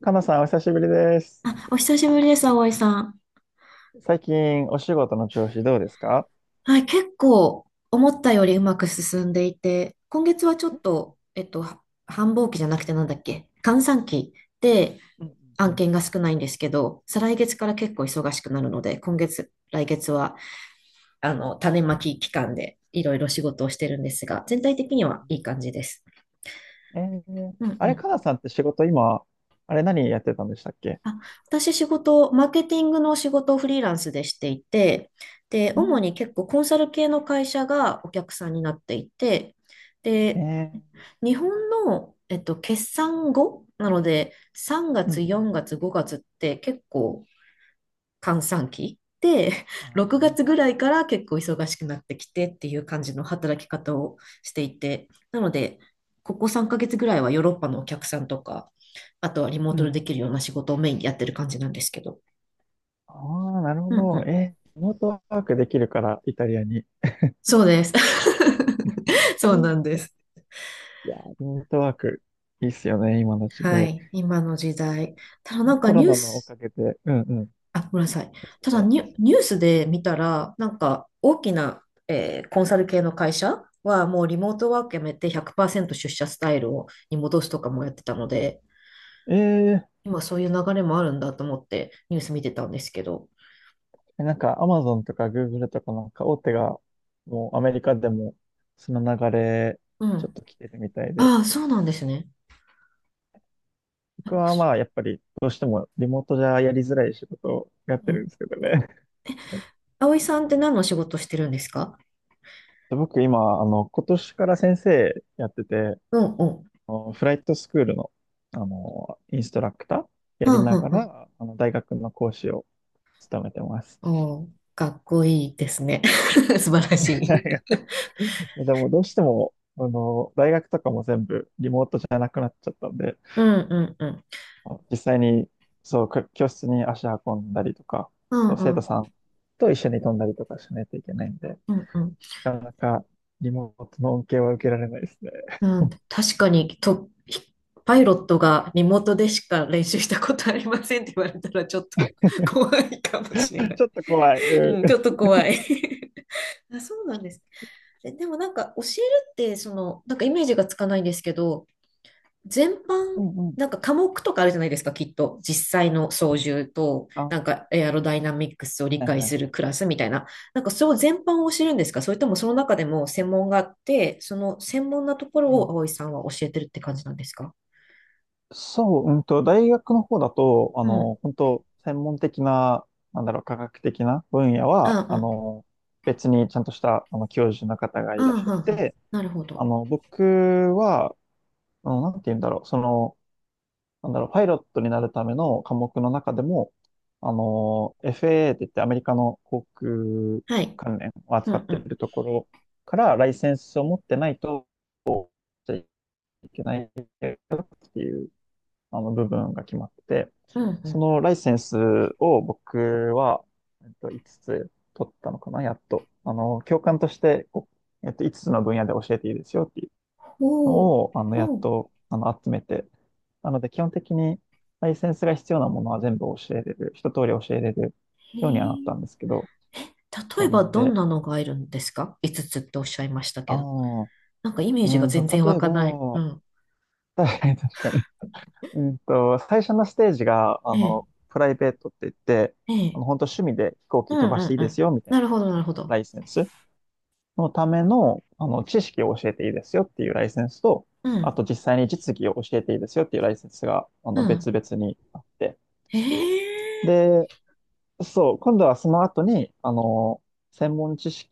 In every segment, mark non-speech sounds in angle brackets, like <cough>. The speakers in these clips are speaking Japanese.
かなさん、お久しぶりです。あ、お久しぶりです、葵さん。最近、お仕事の調子どうですか？はい、結構思ったよりうまく進んでいて、今月はちょっと、繁忙期じゃなくてなんだっけ、閑散期でうんう案ん件が少ないんですけど、再来月から結構忙しくなるので、今月、来月は、種まき期間でいろいろ仕事をしてるんですが、全体的にはいい感じです。うんうんあうれ、ん。かなさんって仕事今、あれ何やってたんでしたっけ？あ、私仕事、マーケティングの仕事をフリーランスでしていて、で、う主んに結構コンサル系の会社がお客さんになっていて、えで、日本の、決算後なので、3うんう月、んうん4月、5月って結構閑散期で、<laughs> 6月あぐらいから結構忙しくなってきてっていう感じの働き方をしていて、なので、ここ3ヶ月ぐらいはヨーロッパのお客さんとか、あとはリモーーうトででんきるような仕事をメインでやってる感じなんですけど。ああ、なるほうんうど。ん。リモートワークできるから、イタリアに。そうです。<laughs> そううんなんでいす。やー、リモートワーク、いいっすよね、今の時は代。い。今の時代。ただなんかコロニューナのおス、かげで。うんうん。いあ、ごめんなさい。いっすただね。ニュースで見たら、なんか大きな、コンサル系の会社はもうリモートワークやめて100%出社スタイルをに戻すとかもやってたので、えー今そういう流れもあるんだと思ってニュース見てたんですけど。なんか、アマゾンとかグーグルとかなんか大手が、もうアメリカでも、その流れ、うちょっん。と来てるみたいで。ああ、そうなんですね。や僕っぱはそまあ、やっぱり、どうしてもリモートじゃやりづらい仕事をやっうてるんでん。すけどね。<laughs> 葵さんって何の仕事してるんですか？僕今、今年から先生やってて、うんうん。あのフライトスクールの、あの、インストラクターやうりんうなんがうん。ら、あの、大学の講師を務めてます。おー、かっこいいですね。<laughs> 素晴らし <laughs> はい。い。でも、どうしても、あの、大学とかも全部リモートじゃなくなっちゃったんで、うんうんうん。実際に、そう、く教室に足運んだりとか、うあんと生う徒ん。さんと一緒に飛んだりとかしないといけないんで、うんうん。なかなかリモートの恩恵は受けられないですね。うん、確かに。パイロットがリモートでしか練習したことありませんって言われたらちょっと <laughs> 怖いかもしれな <laughs> い。ちょっと怖い。ううん、ちん。ょっと怖い。 <laughs> あ、そうなんです。え、でもなんか教えるって、その、なんかイメージがつかないんですけど、全う般、んうん。なんか科目とかあるじゃないですか、きっと。実際の操縦と、あ、なはんかエアロダイナミックスをい理はい解はい。するクラスみたいな。なんかそれを全般を知るんですか？それともその中でも専門があって、その専門なところうをん葵さんは教えてるって感じなんですか？そう、大学の方だと、あうん。の、本当専門的な、なんだろう、科学的な分野あは、ああ、の、別にちゃんとした、あの、教授の方があいらっしゃっあ、ああ、て、なるほど。あの、僕は、あの、なんて言うんだろう、その、なんだろう、パイロットになるための科目の中でも、あの、FAA って言ってアメリカの航空はい。関連をう扱んっうていん。るところからライセンスを持ってないといけないっていうあの部分が決まってて、うんうそん。のライセンスを僕は、5つつ取ったのかな、やっと。あの、教官として、こう5つつの分野で教えていいですよっていうのほう、を、あの、やほっう。と、あの、集めて、なので、基本的に、ライセンスが必要なものは全部教えれる、一通り教えれるへようにはなったんでえ。すけど、例そえうなばんどんで、なのがいるんですか？ 5 つつっておっしゃいましたあけど。あ、うなんかイメージが全然湧例えかない。うば、ん。<laughs> 確かに確かに。最初のステージが、えあえ、の、プライベートって言って、えあえ。の、本当趣味で飛行う機ん飛ばしてういいんうでん。すよ、みたいなるほど、ななるほど。ライセンス。のための、あの、知識を教えていいですよっていうライセンスと、うあん、と実際に実技を教えていいですよっていうライセンスが、あうの、別ん。々にあって。へえ。で、そう、今度はその後に、あの、専門知識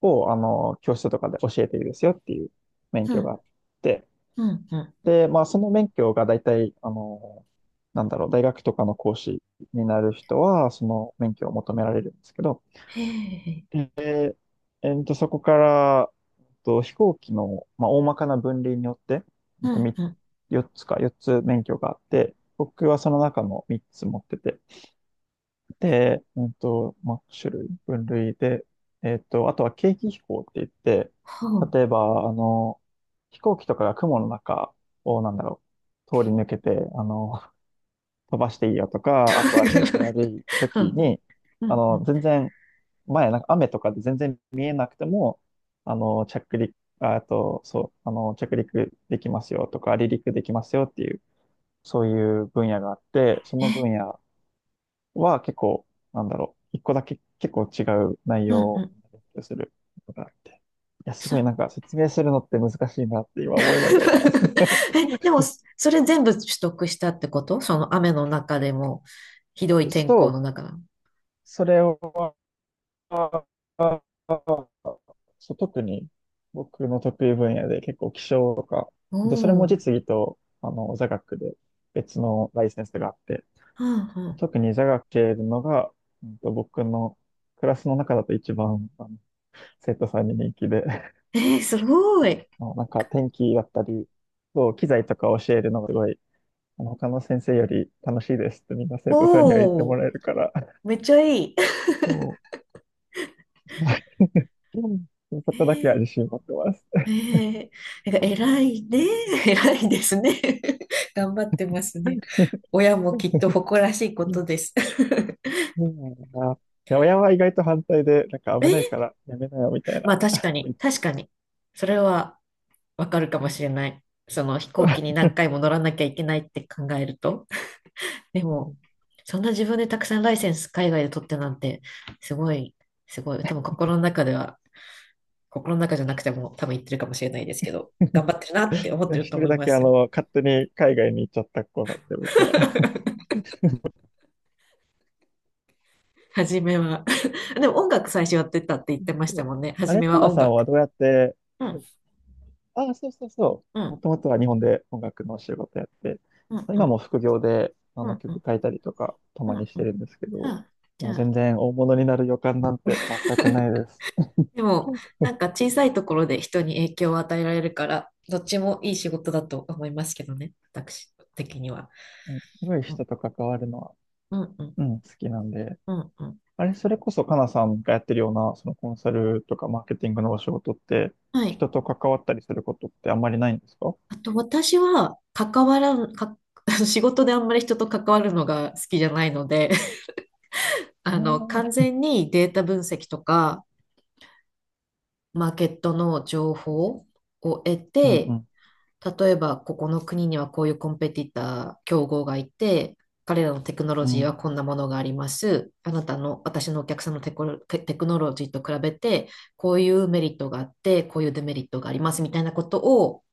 を、あの、教室とかで教えていいですよっていう免う許があん、って、うん、うん。で、まあ、その免許が大体、あの、なんだろう、大学とかの講師になる人は、その免許を求められるんですけど、へえ。そこから、飛行機の、まあ、大まかな分類によって、うん、みうん。4つか、4つ免許があって、僕はその中の3つ持ってて、で、まあ、種類、分類で、あとは景気飛行って言って、ほう。例えば、あの、飛行機とかが雲の中を、なんだろう、通り抜けて、あの、飛ばしていいよとか、あとは天気 <laughs> 悪いう時ん、に、うあん、うの、ん。全然前、なんか雨とかで全然見えなくても、あの、着陸、ああと、そう、あの、着陸できますよとか、離陸できますよっていう、そういう分野があって、そのえ、分野は結構、なんだろう、一個だけ結構違う内うん、容うをん。勉強することがあって。いや、すそ、ごいな <laughs> んか説明するのって難しいなって今思いながら。え、でも、<laughs> それ全部取得したってこと？その雨の中でも、ひどい天そ候う、の中。それは、そう、特に僕の得意分野で結構気象とか、おあとそれもお。実技とあの座学で別のライセンスがあって、うん、うん。特に座学系のが、僕のクラスの中だと一番あの生徒さんに人気で、<laughs> えー、すごい。あのなんか天気だったり、そう、機材とか教えるのがすごい、あの他の先生より楽しいですってみんな生徒さんには言っておもお。らえるから、<laughs> めっちゃいい。<laughs> もう、<laughs> そえこだけはー自信持ってます。ええ、<laughs> なんか偉いね。<laughs> 偉いですね。<laughs> 頑張ってますね。親もきっと <laughs> 誇らしいことです。<laughs> そうなんだな。いや、親は意外と反対で、なんか危ないからやめなよみたいな。まあ確かに、確かに。それはわかるかもしれない。その飛行機に <laughs> 何回も乗らなきゃいけないって考えると。<laughs> でうも、ん。そんな自分でたくさんライセンス海外で取ってなんて、すごい、すごい。多分心の中では、心の中じゃなくても多分言ってるかもしれないですけど、頑張ってるなって思ってる一と人思いだまけあすよ。の、勝手に海外に行っちゃった子なんで、僕は。<laughs> 初めは <laughs> でも音楽最初やってたって言ってましそたうもんね。あ初れ、めかはな音さんは楽。どうやって、うん、ああ、そうそうそうう。もん、ともとは日本で音楽のお仕事やって、うん、う今ん、も副業であうのん、う曲ん、書いたりとか、たうまにん、しうてん。るんですけど、あ、じゃもうあ、全然大物になる予感なんて全くないです。でも、うんなんか小さいところで人に影響を与えられるから、どっちもいい仕事だと思いますけどね、私的には。すごいうん、人と関わるのは、うん、うん、うん、好きなんで。うん、うん。あれ、それこそ、かなさんがやってるような、そのコンサルとかマーケティングのお仕事って、はい。人と関わったりすることってあんまりないんですか？あと、私は、関わらん、か、<laughs> 仕事であんまり人と関わるのが好きじゃないので、<laughs> あああの、完ー、全にデータ分析とか、マーケットの情報を得うんうて、ん、例えばここの国にはこういうコンペティター、競合がいて、彼らのテクノロうジーん、はこんなものがあります。あなたの、私のお客さんのテクノロジーと比べて、こういうメリットがあって、こういうデメリットがありますみたいなことを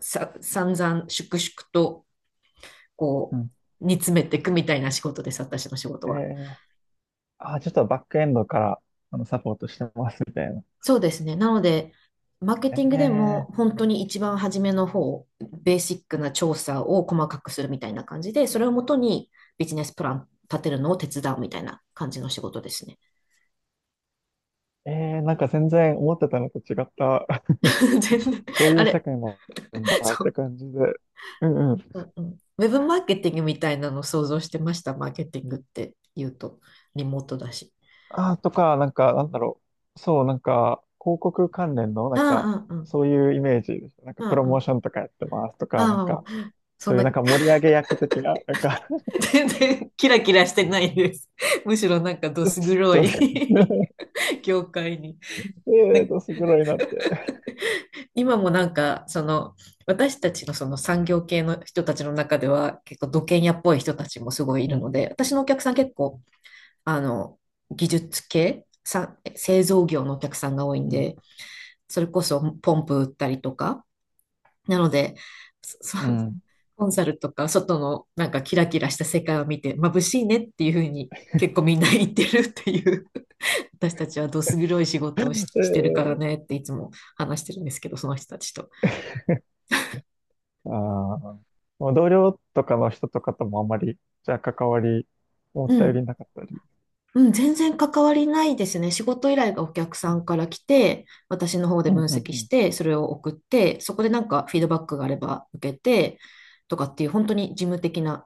散々、粛々と、うこん。う、煮詰めていくみたいな仕事です、私の仕事えは。ー、あー、ちょっとバックエンドから、あの、サポートしてますみたいな。そうですね。なので、マーケティングでもえ本当に一番初めの方、ベーシックな調査を細かくするみたいな感じで、それをもとにビジネスプラン立てるのを手伝うみたいな感じの仕事ですね。ー、えー、なんか全然思ってたのと違った、<laughs> <laughs> 全然、そういあう世れ、界もあるんだっそてう、感じで。うんうん。うんうん。ウェブマーケティングみたいなのを想像してました、マーケティングって言うと、リモートだし。あー、とか、なんか、なんだろう。そう、なんか、広告関連の、なあんか、あ、うんうん。そういうイメージですなんか、あプロあ、うモーん。ションとかやってますとか、なんあか、あ、そそんういうな、なんか盛り <laughs> 上げ役的な、なんか 全然キラキラしてないです。むしろなんかどす <laughs> 黒そういい う、<laughs> 業界に。<laughs> えーと、すごいなって。今もなんか、その、私たちのその産業系の人たちの中では、結構土建屋っぽい人たちもすごいいうるので、ん私のお客さん結構、あの、技術系、さ、製造業のお客さんが多いんうん。で、それこそポンプ売ったりとか、なので、<laughs> そうん。うんコンサルとか、外のなんかキラキラした世界を見て、眩しいねっていうふうに結構みんな言ってるっていう、<laughs> 私たちはどす黒い仕事をし、してるからねっていつも話してるんですけど、その人たちと。ああ、もう同僚とかの人とかともあんまり、じゃあ関わり、思うったよりん。なかったり。うん、全然関わりないですね。仕事依頼がお客さんから来て、私の方でう分んうん析うしん。て、それを送って、そこでなんかフィードバックがあれば受けて、とかっていう本当に事務的な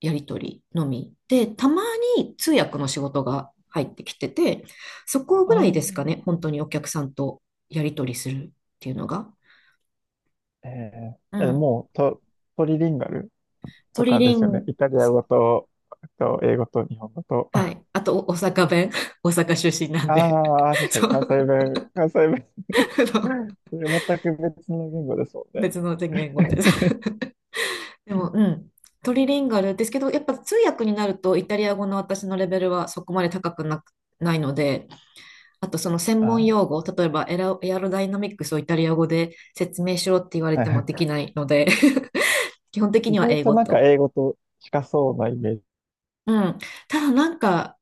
やり取りのみで、たまに通訳の仕事が入ってきてて、そこぐらいですかあね、本当にお客さんとやり取りするっていうのが。あ、えうー、え、ん。もうと、トリリンガルトとリかでリすよね。ン、イタリア語と、と英語と日本語と。はい。あと、お大阪弁。<laughs> 大阪出身なんで。ああ、<laughs> 確かにそう。関西 <laughs> 弁、関西弁、あの、 <laughs> それ全く別の言語ですもんね。別の言語で。でも、うん。トリリンガルですけど、やっぱ通訳になるとイタリア語の私のレベルはそこまで高くなく、ないので、あとその専あ門あ、用語、例えばエアロダイナミックスをイタリア語で説明しろって言われはいてはもい。できないので、<laughs> 基本的意には外英と語なんかと。英語と近そうなイメーうん。ただなんか、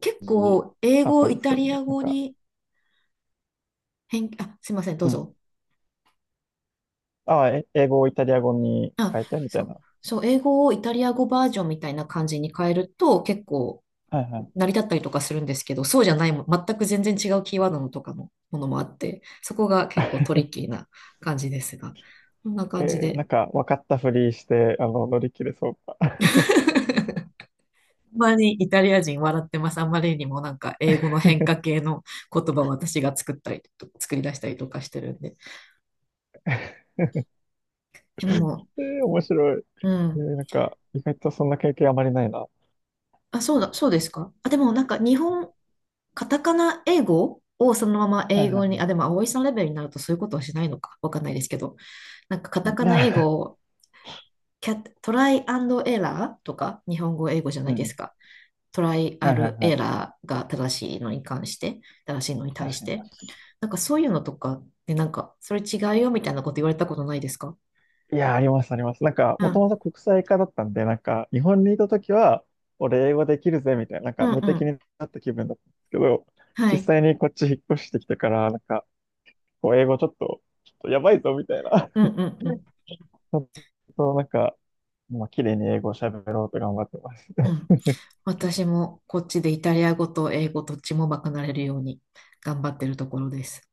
結ジ構英あっ語たをんでイすタけどリね。アなん語か、に変、あ、すいません、どううん。ぞ。ああ、え英語をイタリア語にあ、変えてみたそいう。な。そう、英語をイタリア語バージョンみたいな感じに変えると結構はいはい。成り立ったりとかするんですけど、そうじゃないも、全く全然違うキーワードのとかのものもあって、そこが結構トリッキーな感じですが、こんな <laughs> 感じえー、なで。んか分かったふりして、あの、乗り切れそうか。<laughs> あんまにイタリア人笑ってます。あんまりにもなんか英語の変化系の言葉を私が作り出したりとかしてるんで。で <laughs> も、えー、面白い。うえん。ー、なんか、意外とそんな経験あまりないな。はあ、そうだ、そうですか。あ、でもなんか日本、カタカナ英語をそのままいはい英語に、はあ、でも葵さんレベルになるとそういうことはしないのか。わかんないですけど。なんかカい。タカいナ英や、語トライアンドエラーとか、日本語、英語じゃ <laughs> なういですん。か。トライアはいはいルはい。エラーが正しいのに対確しかにて。確かに。なんかそういうのとかで、なんか、それ違うよみたいなこと言われたことないですか？いや、あります、あります。なんか、うもとん。もと国際化だったんで、なんか、日本にいたときは、俺英語できるぜ、みたいな、なんうか、ん無う敵ん。になった気分だったんですけど、は実い。際にこっち引っ越してきてから、なんか、こう、英語ちょっと、ちょっとやばいぞ、みたいな。うんうんう <laughs> ちん。ょっと、なんか、まあ綺麗に英語を喋ろうと頑張ってます。うん。私もこっちでイタリア語と英語どっちもバカなれるように頑張ってるところです。